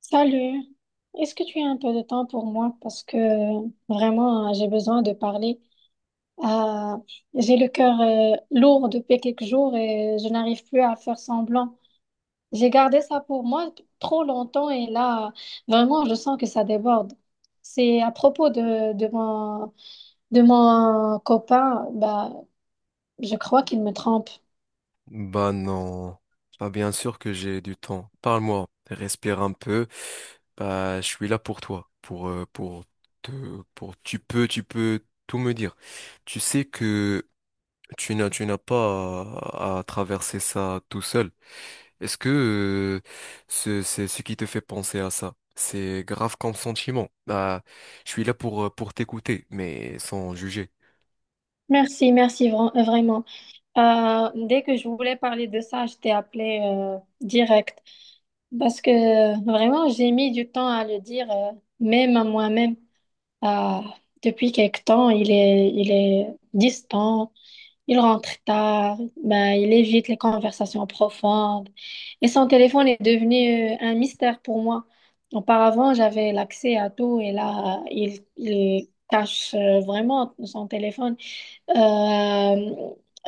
Salut, est-ce que tu as un peu de temps pour moi? Parce que vraiment, j'ai besoin de parler. Euh, j'ai le cœur lourd depuis quelques jours et je n'arrive plus à faire semblant. J'ai gardé ça pour moi trop longtemps et là, vraiment, je sens que ça déborde. C'est à propos de de mon copain, bah, je crois qu'il me trompe. Bah non, bah bien sûr que j'ai du temps. Parle-moi, respire un peu. Bah je suis là pour toi, pour te pour tu peux tout me dire. Tu sais que tu n'as pas à, à traverser ça tout seul. Est-ce que ce c'est ce qui te fait penser à ça? C'est grave comme sentiment. Bah je suis là pour t'écouter, mais sans juger. Merci, vraiment. Dès que je voulais parler de ça, je t'ai appelé direct. Parce que vraiment, j'ai mis du temps à le dire, même à moi-même. Ah, depuis quelque temps, il est distant, il rentre tard, ben, il évite les conversations profondes. Et son téléphone est devenu un mystère pour moi. Auparavant, j'avais l'accès à tout et là, il cache vraiment son téléphone. Euh,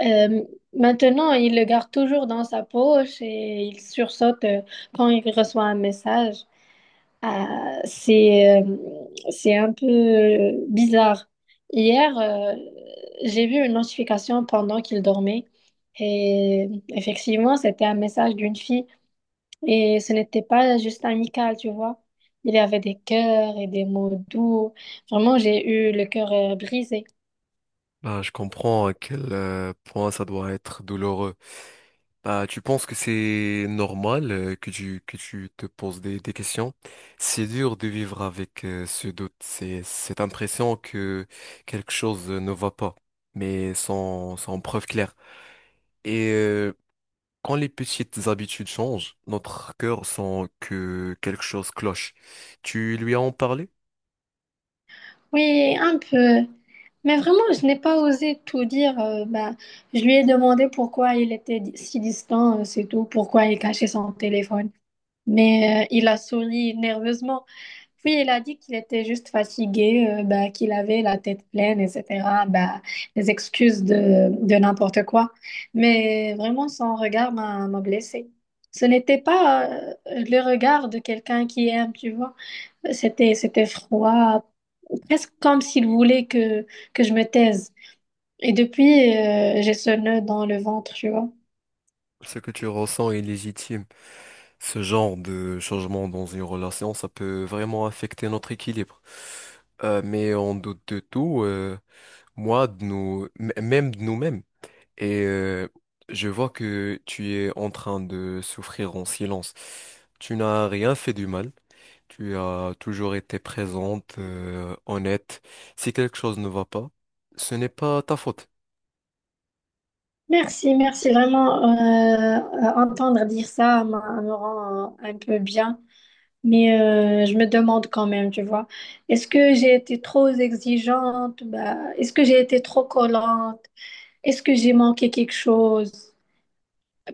euh, Maintenant, il le garde toujours dans sa poche et il sursaute quand il reçoit un message. Ah, c'est un peu bizarre. Hier, j'ai vu une notification pendant qu'il dormait et effectivement, c'était un message d'une fille et ce n'était pas juste amical, tu vois. Il y avait des cœurs et des mots doux. Vraiment, j'ai eu le cœur brisé. Bah je comprends à quel point ça doit être douloureux. Bah, tu penses que c'est normal que tu te poses des questions? C'est dur de vivre avec ce doute, c'est cette impression que quelque chose ne va pas, mais sans, sans preuve claire. Et quand les petites habitudes changent, notre cœur sent que quelque chose cloche. Tu lui as en parlé? Oui, un peu. Mais vraiment, je n'ai pas osé tout dire. Bah, je lui ai demandé pourquoi il était si distant, c'est tout, pourquoi il cachait son téléphone. Mais il a souri nerveusement. Puis il a dit qu'il était juste fatigué, bah, qu'il avait la tête pleine, etc. Bah, des excuses de n'importe quoi. Mais vraiment, son regard m'a blessée. Ce n'était pas le regard de quelqu'un qui aime, tu vois. C'était froid, presque comme s'il voulait que je me taise. Et depuis, j'ai ce nœud dans le ventre, tu vois. Ce que tu ressens est légitime. Ce genre de changement dans une relation, ça peut vraiment affecter notre équilibre. Mais on doute de tout. Moi, de nous, même de nous-mêmes. Et je vois que tu es en train de souffrir en silence. Tu n'as rien fait du mal. Tu as toujours été présente, honnête. Si quelque chose ne va pas, ce n'est pas ta faute. Merci, merci. Vraiment, entendre dire ça m'a- me rend un peu bien. Mais je me demande quand même, tu vois, est-ce que j'ai été trop exigeante? Bah, est-ce que j'ai été trop collante? Est-ce que j'ai manqué quelque chose?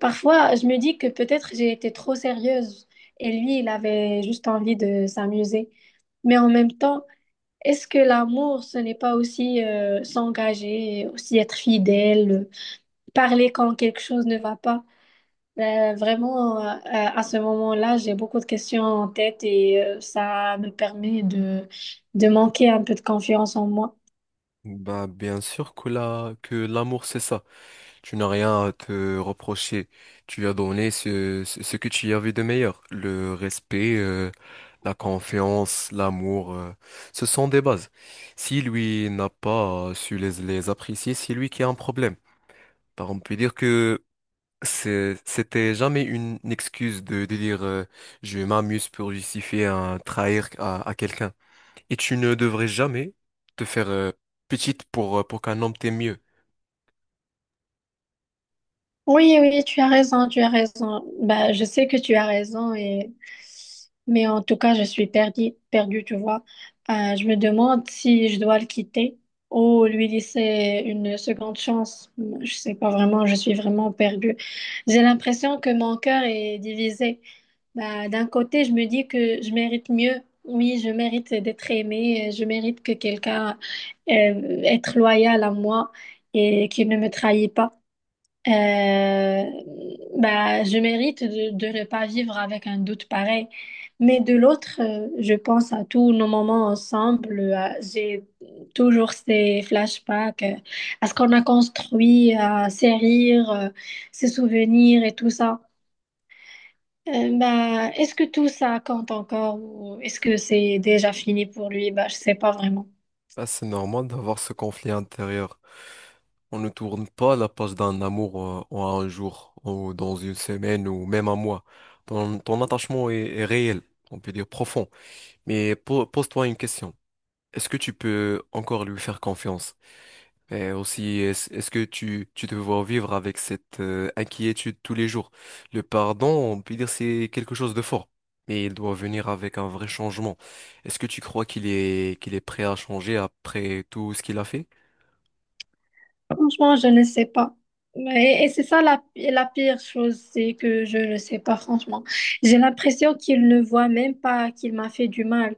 Parfois, je me dis que peut-être j'ai été trop sérieuse et lui, il avait juste envie de s'amuser. Mais en même temps, est-ce que l'amour, ce n'est pas aussi s'engager, aussi être fidèle, parler quand quelque chose ne va pas? Vraiment, à ce moment-là, j'ai beaucoup de questions en tête et ça me permet de manquer un peu de confiance en moi. Bah, bien sûr que la, que l'amour, c'est ça. Tu n'as rien à te reprocher. Tu as donné ce, ce que tu y avais de meilleur. Le respect, la confiance, l'amour, ce sont des bases. Si lui n'a pas su les apprécier, c'est lui qui a un problème. Par on peut dire que c'était jamais une excuse de dire je m'amuse pour justifier un trahir à quelqu'un. Et tu ne devrais jamais te faire petite pour qu'un homme t'aime mieux. Oui, oui, tu as raison, tu as raison. Bah, je sais que tu as raison et mais en tout cas, je suis perdue, perdue, tu vois. Je me demande si je dois le quitter ou lui laisser une seconde chance. Je sais pas vraiment, je suis vraiment perdue. J'ai l'impression que mon cœur est divisé. Bah, d'un côté, je me dis que je mérite mieux. Oui, je mérite d'être aimée, je mérite que quelqu'un être loyal à moi et qu'il ne me trahit pas. Euh, Bah, je mérite de ne pas vivre avec un doute pareil. Mais de l'autre, je pense à tous nos moments ensemble. J'ai toujours ces flashbacks, à ce qu'on a construit, à ces rires, ces souvenirs et tout ça. Bah, est-ce que tout ça compte encore ou est-ce que c'est déjà fini pour lui? Bah, je sais pas vraiment. Ah, c'est normal d'avoir ce conflit intérieur. On ne tourne pas la page d'un amour en un jour, ou dans une semaine, ou même un mois. Ton, ton attachement est, est réel, on peut dire profond. Mais pose-toi une question. Est-ce que tu peux encore lui faire confiance? Et aussi, est-ce que tu te vois vivre avec cette inquiétude tous les jours? Le pardon, on peut dire c'est quelque chose de fort, mais il doit venir avec un vrai changement. Est-ce que tu crois qu'il est prêt à changer après tout ce qu'il a fait? Franchement, je ne sais pas. C'est ça la pire chose, c'est que je ne sais pas, franchement. J'ai l'impression qu'il ne voit même pas qu'il m'a fait du mal.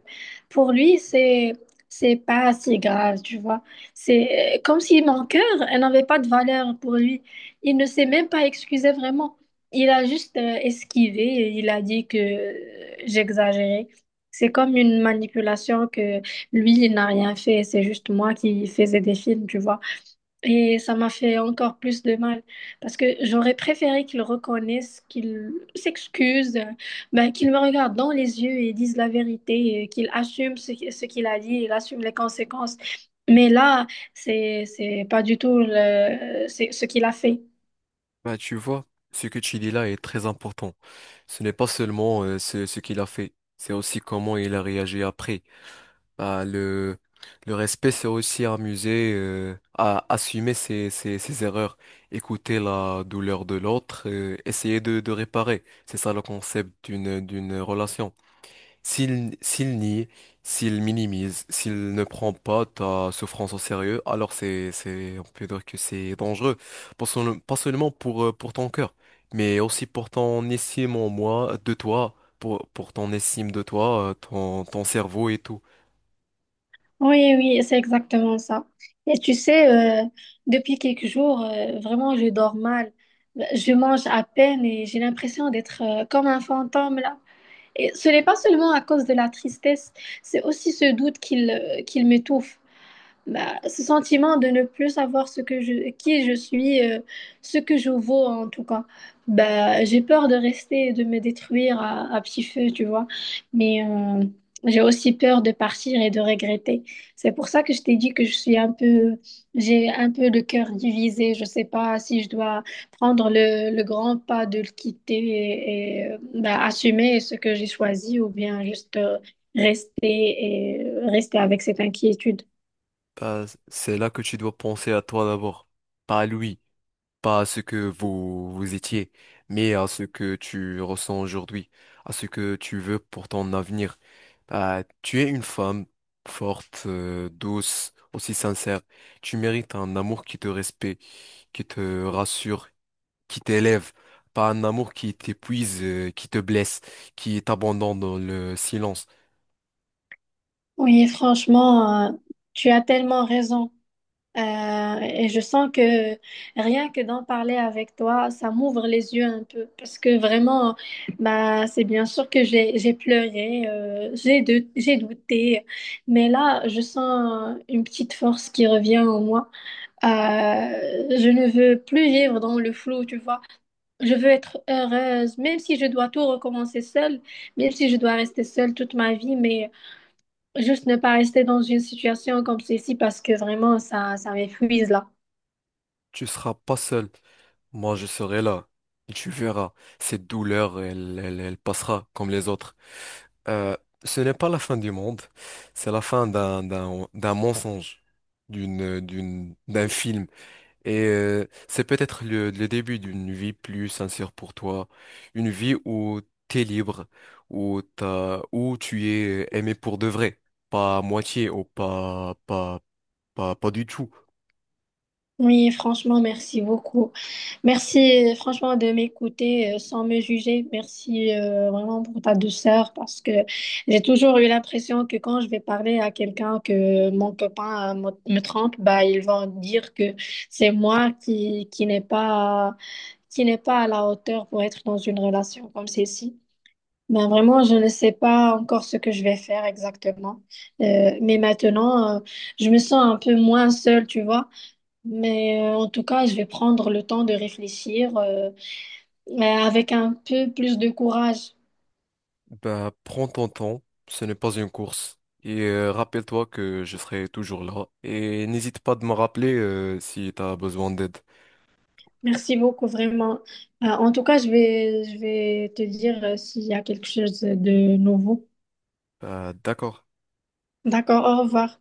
Pour lui, c'est pas si grave, tu vois. C'est comme si mon cœur, elle n'avait pas de valeur pour lui. Il ne s'est même pas excusé vraiment. Il a juste esquivé et il a dit que j'exagérais. C'est comme une manipulation que lui, il n'a rien fait. C'est juste moi qui faisais des films, tu vois. Et ça m'a fait encore plus de mal parce que j'aurais préféré qu'il reconnaisse, qu'il s'excuse, ben, qu'il me regarde dans les yeux et dise la vérité, et qu'il assume ce qu'il a dit, il assume les conséquences. Mais là, c'est pas du tout le, c'est ce qu'il a fait. Bah, tu vois, ce que tu dis là est très important. Ce n'est pas seulement ce, ce qu'il a fait, c'est aussi comment il a réagi après. Bah, le respect, c'est aussi amuser à assumer ses, ses, ses erreurs, écouter la douleur de l'autre, essayer de réparer. C'est ça le concept d'une, d'une relation. S'il, s'il nie, s'il minimise, s'il ne prend pas ta souffrance au sérieux, alors c'est, on peut dire que c'est dangereux. Pas seulement pour ton cœur, mais aussi pour ton estime en moi, de toi, pour ton estime de toi, ton, ton cerveau et tout. Oui, oui, c'est exactement ça. Et tu sais, depuis quelques jours, vraiment, je dors mal. Je mange à peine et j'ai l'impression d'être, comme un fantôme là. Et ce n'est pas seulement à cause de la tristesse, c'est aussi ce doute qu'il m'étouffe, bah, ce sentiment de ne plus savoir ce que qui je suis, ce que je vaux en tout cas. Bah, j'ai peur de rester et de me détruire à petit feu, tu vois. Mais j'ai aussi peur de partir et de regretter. C'est pour ça que je t'ai dit que je suis un peu, j'ai un peu le cœur divisé. Je sais pas si je dois prendre le grand pas de le quitter bah, assumer ce que j'ai choisi ou bien juste rester et rester avec cette inquiétude. C'est là que tu dois penser à toi d'abord, pas à lui. Pas à ce que vous, vous étiez, mais à ce que tu ressens aujourd'hui, à ce que tu veux pour ton avenir. Bah, tu es une femme forte, douce, aussi sincère. Tu mérites un amour qui te respecte, qui te rassure, qui t'élève, pas un amour qui t'épuise, qui te blesse, qui t'abandonne dans le silence. Oui, franchement, tu as tellement raison. Et je sens que rien que d'en parler avec toi, ça m'ouvre les yeux un peu. Parce que vraiment, bah, c'est bien sûr que j'ai pleuré, j'ai douté. Mais là, je sens une petite force qui revient en moi. Je ne veux plus vivre dans le flou, tu vois. Je veux être heureuse, même si je dois tout recommencer seule, même si je dois rester seule toute ma vie. Mais juste ne pas rester dans une situation comme celle-ci parce que vraiment, ça m'épuise là. Tu seras pas seul. Moi, je serai là. Et tu verras, cette douleur, elle passera comme les autres. Euh, Ce n'est pas la fin du monde, c'est la fin d'un mensonge, d'une d'un film. Et c'est peut-être le début d'une vie plus sincère pour toi, une vie où t'es libre, où t'as où tu es aimé pour de vrai, pas à moitié ou pas du tout. Oui, franchement, merci beaucoup. Merci franchement de m'écouter sans me juger. Merci vraiment pour ta douceur parce que j'ai toujours eu l'impression que quand je vais parler à quelqu'un que mon copain me trompe, bah, ils vont dire que c'est moi qui n'est pas à la hauteur pour être dans une relation comme celle-ci. Ben vraiment, je ne sais pas encore ce que je vais faire exactement. Mais maintenant, je me sens un peu moins seule, tu vois. Mais en tout cas, je vais prendre le temps de réfléchir mais avec un peu plus de courage. Ben prends ton temps, ce n'est pas une course. Et rappelle-toi que je serai toujours là. Et n'hésite pas de me rappeler si tu as besoin d'aide. Merci beaucoup, vraiment. En tout cas, je vais te dire s'il y a quelque chose de nouveau. D'accord. D'accord, au revoir.